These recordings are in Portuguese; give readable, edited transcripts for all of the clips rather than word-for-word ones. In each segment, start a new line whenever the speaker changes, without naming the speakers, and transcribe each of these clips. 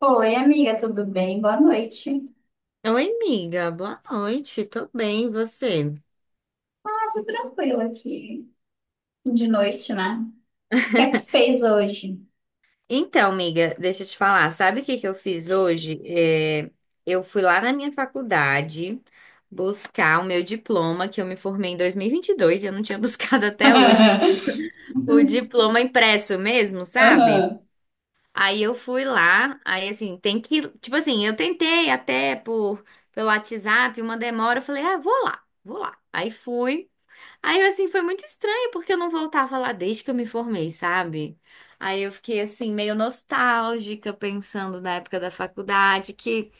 Oi, amiga, tudo bem? Boa noite.
Oi, amiga, boa noite, tô bem, e você?
Ah, tudo tranquilo aqui. De noite, né? O que é que tu fez hoje?
Então, amiga, deixa eu te falar, sabe o que que eu fiz hoje? Eu fui lá na minha faculdade buscar o meu diploma, que eu me formei em 2022 e 22 e eu não tinha buscado até hoje o
Uhum.
diploma impresso mesmo, sabe?
Aham.
Aí eu fui lá, aí assim, tem que, tipo assim, eu tentei até por pelo WhatsApp, uma demora, eu falei, ah, vou lá, vou lá. Aí fui. Aí, assim, foi muito estranho, porque eu não voltava lá desde que eu me formei, sabe? Aí eu fiquei, assim, meio nostálgica, pensando na época da faculdade, que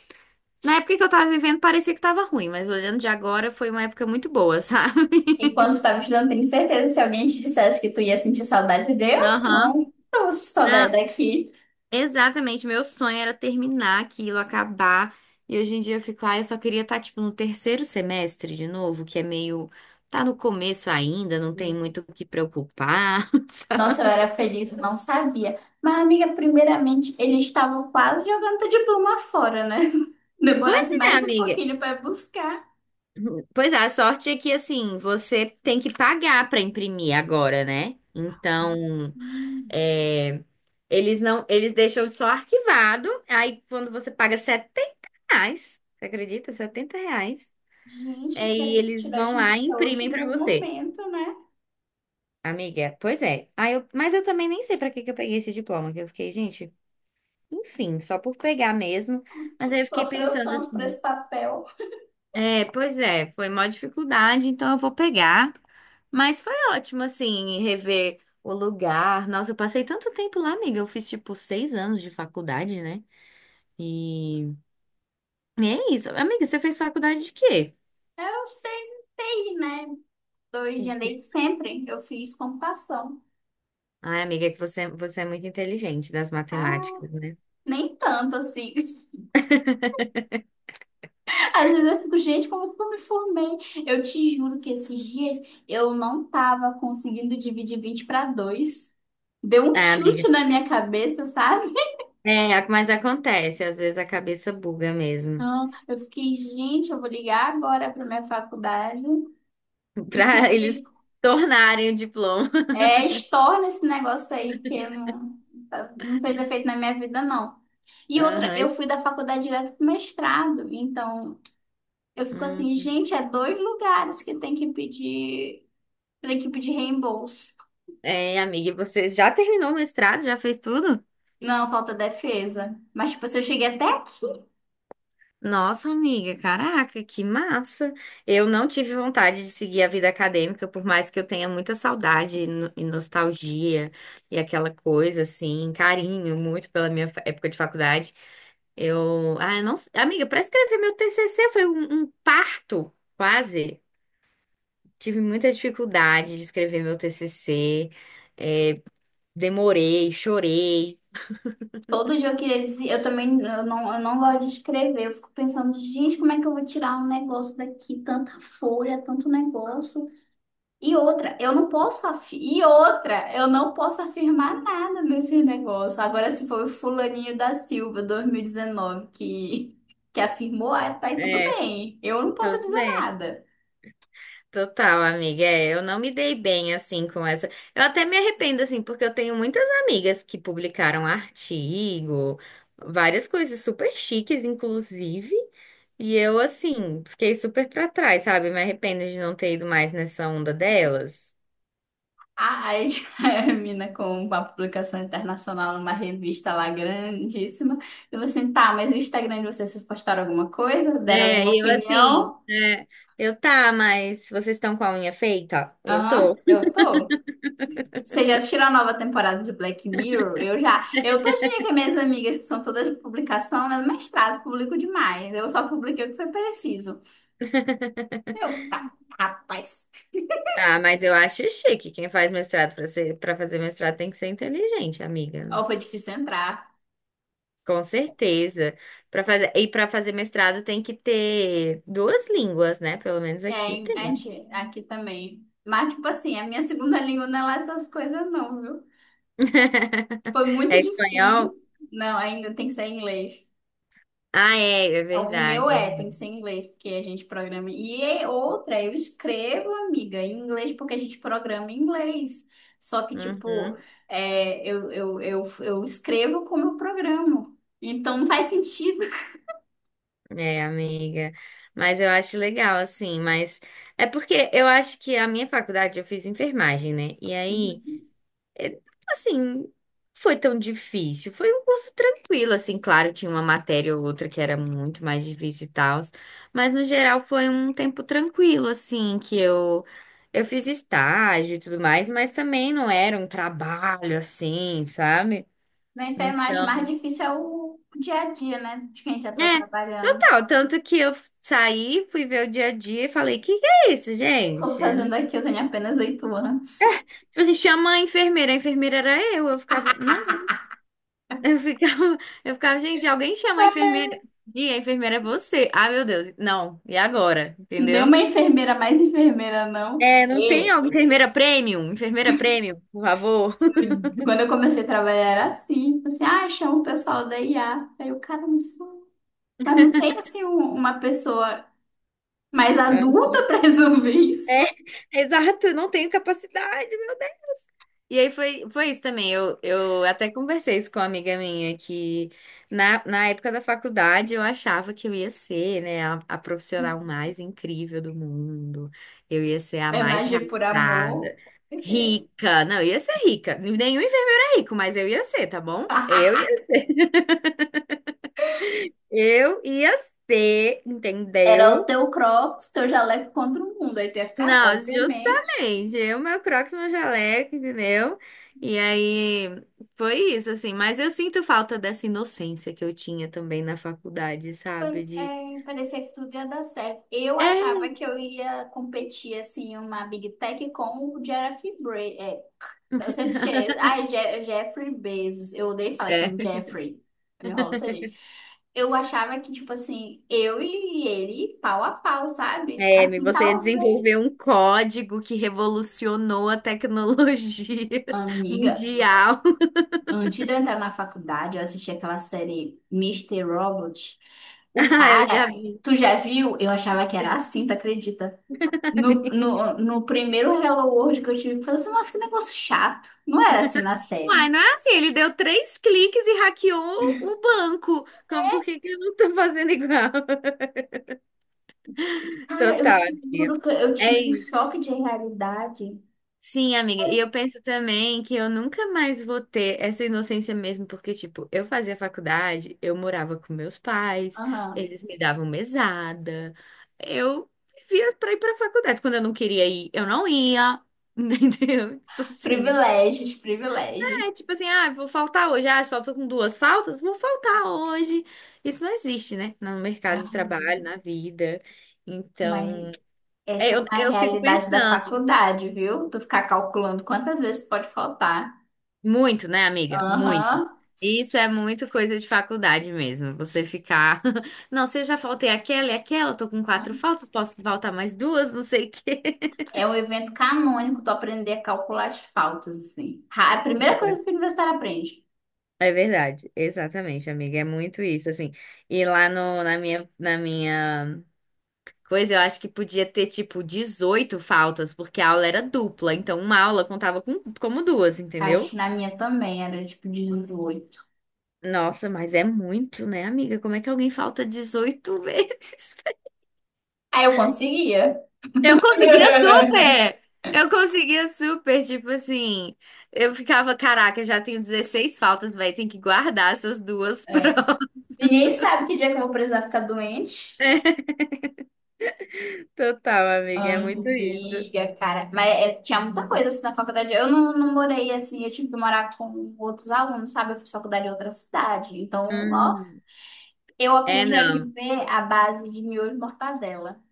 na época que eu tava vivendo parecia que tava ruim, mas olhando de agora foi uma época muito boa, sabe?
Enquanto tu tava estudando, tenho certeza que se alguém te dissesse que tu ia sentir saudade de eu,
Aham.
não. Eu vou sentir saudade
Não,
daqui.
exatamente. Meu sonho era terminar aquilo, acabar. E hoje em dia eu fico, ah, eu só queria estar, tipo, no terceiro semestre de novo, que é meio. Tá no começo ainda, não tem muito o que preocupar,
Nossa,
sabe?
eu era feliz, eu não sabia. Mas, amiga, primeiramente, eles estavam quase jogando teu diploma fora, né?
Pois
Demorasse
é,
mais um
amiga.
pouquinho pra buscar.
Pois é, a sorte é que assim, você tem que pagar para imprimir agora, né? Então,
Hum.
é, eles não, eles deixam só arquivado. Aí quando você paga R$ 70, você acredita? R$ 70.
Gente,
Aí
quero
eles
tirar
vão
dinheiro
lá e
até o
imprimem
último
para você.
momento, né?
Amiga, pois é. Mas eu também nem sei para que que eu peguei esse diploma, que eu fiquei, gente, enfim, só por pegar mesmo. Mas
Tu
aí eu fiquei
sofreu
pensando,
tanto por esse papel.
pois é, foi maior dificuldade, então eu vou pegar. Mas foi ótimo, assim, rever o lugar. Nossa, eu passei tanto tempo lá, amiga. Eu fiz, tipo, 6 anos de faculdade, né? E e é isso. Amiga, você fez faculdade de quê?
Eu sei, né? Dois de leite sempre. Eu fiz computação.
Ai, amiga, é que você é muito inteligente das
Ah,
matemáticas, né?
nem tanto assim. Às vezes eu fico, gente, como que eu me formei? Eu te juro que esses dias eu não tava conseguindo dividir 20 para 2. Deu um
Ah, amiga.
chute na minha cabeça, sabe?
É, mas acontece, às vezes a cabeça buga mesmo.
Então, eu fiquei, gente, eu vou ligar agora para minha faculdade e
Pra eles
pedir,
tornarem o diploma.
é, estorna esse negócio aí, porque não, não fez efeito na minha vida, não. E outra, eu
Aham.
fui da faculdade direto pro mestrado, então eu fico assim,
Hum.
gente, é dois lugares que tem que pedir reembolso.
É, amiga, e você já terminou o mestrado? Já fez tudo?
Não, falta defesa. Mas, tipo, se eu cheguei até aqui,
Nossa, amiga, caraca, que massa! Eu não tive vontade de seguir a vida acadêmica, por mais que eu tenha muita saudade e no- e nostalgia e aquela coisa assim, carinho muito pela minha época de faculdade. Eu, ah, eu não, Amiga, para escrever meu TCC foi um parto, quase. Tive muita dificuldade de escrever meu TCC, demorei, chorei.
todo dia eu queria dizer, eu também, eu não gosto de escrever, eu fico pensando, gente, como é que eu vou tirar um negócio daqui, tanta folha, tanto negócio. E outra, eu não posso afi- e outra, eu não posso afirmar nada nesse negócio. Agora, se foi o fulaninho da Silva, 2019, que, afirmou, ah, tá aí tudo
É,
bem. Eu não posso
tudo
dizer
bem.
nada.
Total, amiga. É, eu não me dei bem assim com essa. Eu até me arrependo assim, porque eu tenho muitas amigas que publicaram artigo, várias coisas super chiques, inclusive. E eu assim, fiquei super pra trás, sabe? Me arrependo de não ter ido mais nessa onda delas.
Ah, aí a mina com uma publicação internacional numa revista lá grandíssima. Eu falei assim, tá, mas o Instagram de vocês, vocês postaram alguma coisa? Deram
É,
alguma
e eu assim,
opinião?
é, eu Tá, mas vocês estão com a unha feita? Eu tô.
Aham, eu tô. Vocês já assistiram a nova temporada de Black Mirror? Eu já. Eu todo dia com minhas amigas, que são todas de publicação, né? Mestrado, publico demais. Eu só publiquei o que foi preciso. Eu, tá, rapaz.
Ah, mas eu acho chique. Quem faz mestrado pra ser, Para fazer mestrado tem que ser inteligente, amiga.
Ou foi difícil entrar.
Com certeza. Para fazer mestrado tem que ter duas línguas, né? Pelo menos
É,
aqui
em-
tem.
a gente, aqui também. Mas, tipo assim, a minha segunda língua não é lá essas coisas, não, viu? Foi
É
muito
espanhol?
difícil. Não, ainda tem que ser em inglês.
Ah, é, é
Então, o meu
verdade.
é, tem que
Hein?
ser em inglês, porque a gente programa. E é outra, eu escrevo, amiga, em inglês, porque a gente programa em inglês. Só que, tipo,
Uhum.
é, eu escrevo como eu programo. Então não faz sentido.
É, amiga. Mas eu acho legal assim, mas é porque eu acho que a minha faculdade eu fiz enfermagem, né? E aí
Uhum.
É, Assim, foi tão difícil. Foi um curso tranquilo, assim, claro, tinha uma matéria ou outra que era muito mais difícil e tal, mas no geral foi um tempo tranquilo, assim, que eu fiz estágio e tudo mais, mas também não era um trabalho assim, sabe?
Na enfermagem, o mais
Então,
difícil é o dia a dia, né? De quem já tá
é,
trabalhando.
total, tanto que eu saí, fui ver o dia a dia e falei: que é isso,
Eu tô
gente?"
fazendo aqui, eu tenho apenas 8 anos.
Tipo assim, chama a enfermeira era eu ficava, não. Eu ficava, eu ficava, gente, alguém chama a enfermeira. E a enfermeira é você. Ah, meu Deus. Não, e agora?
Não tem
Entendeu?
uma enfermeira mais enfermeira, não.
É, não tem alguma enfermeira premium? Enfermeira premium, por favor.
Quando eu comecei a trabalhar era assim, assim, ah, chama o pessoal da IA. Aí o cara me disse, mas não tem assim um- uma pessoa mais adulta pra resolver isso?
É, exato, não tenho capacidade. E aí foi isso também. Eu até conversei isso com uma amiga minha que na época da faculdade eu achava que eu ia ser, né, a profissional mais incrível do mundo. Eu ia ser a
É
mais
magia por
realizada,
amor. Porque
rica. Não, eu ia ser rica. Nenhum enfermeiro é rico, mas eu ia ser, tá bom? Eu ia ser,
era o
entendeu?
teu Crocs, teu jaleco contra o mundo. Aí tu ia ficar,
Não,
obviamente,
justamente. Meu Crocs, meu jaleco, entendeu? E aí foi isso, assim. Mas eu sinto falta dessa inocência que eu tinha também na faculdade,
pa-
sabe? De.
é, parecia que tudo ia dar certo. Eu
É,
achava que eu ia competir assim, uma Big Tech com o Jeff. Eu sempre esqueço. Ai, Je- Jeffrey Bezos. Eu odeio falar esse
é.
nome, Jeffrey. Eu me enrolo todinho. Eu achava que, tipo assim, eu e ele, pau a pau, sabe? Assim,
Você ia
talvez.
desenvolver um código que revolucionou a tecnologia
Amiga,
mundial.
antes de eu entrar na faculdade, eu assisti aquela série Mister Robot. O
Ah, eu já
cara,
vi.
tu já viu? Eu achava que era assim, tu acredita? No primeiro Hello World que eu tive que fazer, eu falei, assim, nossa, que negócio chato. Não era assim na
Uai,
série.
não é assim, ele deu três cliques e hackeou o banco. Como, por que que eu não tô fazendo igual?
Cara, eu
Total,
te
amiga.
juro que eu tive um
É
choque de realidade.
Sim, amiga. E eu penso também que eu nunca mais vou ter essa inocência mesmo, porque, tipo, eu fazia faculdade, eu morava com meus pais,
Aham.
eles me davam mesada, eu vivia pra ir pra faculdade. Quando eu não queria ir, eu não ia, entendeu? Tipo assim.
Privilégios, privilégios.
É tipo assim, ah, vou faltar hoje, ah, só tô com duas faltas, vou faltar hoje. Isso não existe, né? No mercado de
Ai,
trabalho, na vida.
mas
Então,
essa é uma
eu fico
realidade da
pensando.
faculdade, viu? Tu ficar calculando quantas vezes pode faltar.
Muito, né, amiga?
Aham.
Muito. Isso é muito coisa de faculdade mesmo. Você ficar. Não, se eu já faltei aquela e aquela, eu tô com quatro faltas, posso faltar mais duas, não sei o quê.
É um evento canônico tu aprender a calcular as faltas, assim. Ra- A primeira coisa que o universitário aprende.
É verdade, exatamente, amiga. É muito isso, assim. E lá no, Na minha, na minha coisa, eu acho que podia ter, tipo, 18 faltas, porque a aula era dupla. Então, uma aula contava como duas,
Acho
entendeu?
que na minha também era tipo 18.
Nossa, mas é muito, né, amiga? Como é que alguém falta 18 vezes?
Aí eu conseguia.
Eu conseguia super! Eu conseguia super, tipo assim. Eu ficava, caraca, já tenho 16 faltas, velho, tem que guardar essas duas prontas.
Ninguém sabe que dia que eu vou precisar ficar doente.
Total, amiga, é muito isso.
Amiga, cara. Mas é- tinha muita coisa assim na faculdade. Eu não, não morei assim, eu tive que morar com outros alunos, sabe? Eu fiz faculdade em outra cidade. Então, ó,
Hum,
eu
é
aprendi a
não.
viver à base de miojo e mortadela.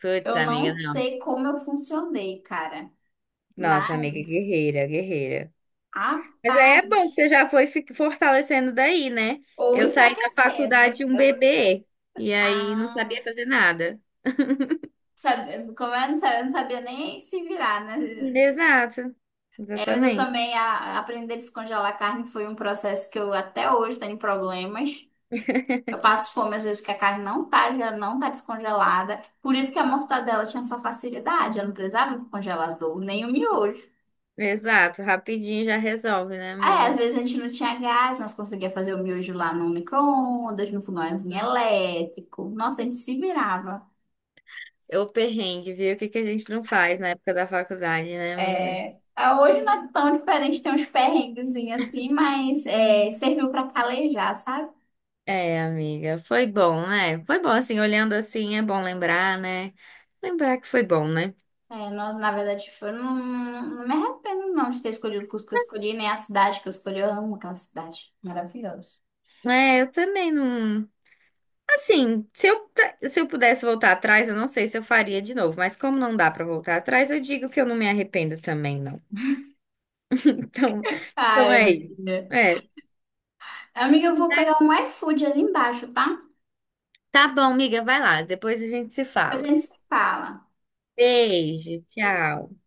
Putz,
Eu não
amiga, não.
sei como eu funcionei, cara.
Nossa, amiga,
Mas,
guerreira, guerreira. Mas aí é
rapaz,
bom que você já foi fortalecendo daí, né?
ou
Eu saí da
enfraquecendo.
faculdade um bebê e aí não
Ah,
sabia fazer nada.
sabe, como eu não sabia nem se virar, né?
Exato,
É, mas eu
exatamente.
também a, aprender a descongelar a carne foi um processo que eu até hoje tenho problemas. Eu passo fome às vezes que a carne não tá, já não tá descongelada. Por isso que a mortadela tinha sua facilidade, ela não precisava do congelador, nem o miojo.
Exato, rapidinho já resolve, né,
É, às
amiga?
vezes a gente não tinha gás, nós conseguia fazer o miojo lá no micro-ondas, no fogãozinho elétrico. Nossa, a gente se virava.
É. O perrengue, viu? O que que a gente não faz na época da faculdade, né, amiga?
É, ah, hoje não é tão diferente, tem uns perrenguezinhos assim, mas é, serviu para calejar, sabe?
É, amiga, foi bom, né? Foi bom, assim, olhando assim, é bom lembrar, né? Lembrar que foi bom, né?
É, na, na verdade, foi, não, não me arrependo não de ter escolhido o curso que eu escolhi, nem a cidade que eu escolhi. Eu amo aquela cidade. Maravilhosa.
É, eu também não. Assim, se eu pudesse voltar atrás, eu não sei se eu faria de novo, mas como não dá pra voltar atrás, eu digo que eu não me arrependo também, não. Então, então
Ai,
é isso.
amiga.
É.
Amiga, eu vou pegar um iFood ali embaixo, tá?
Tá bom, amiga, vai lá, depois a gente se
Depois a
fala.
gente se fala.
Beijo, tchau.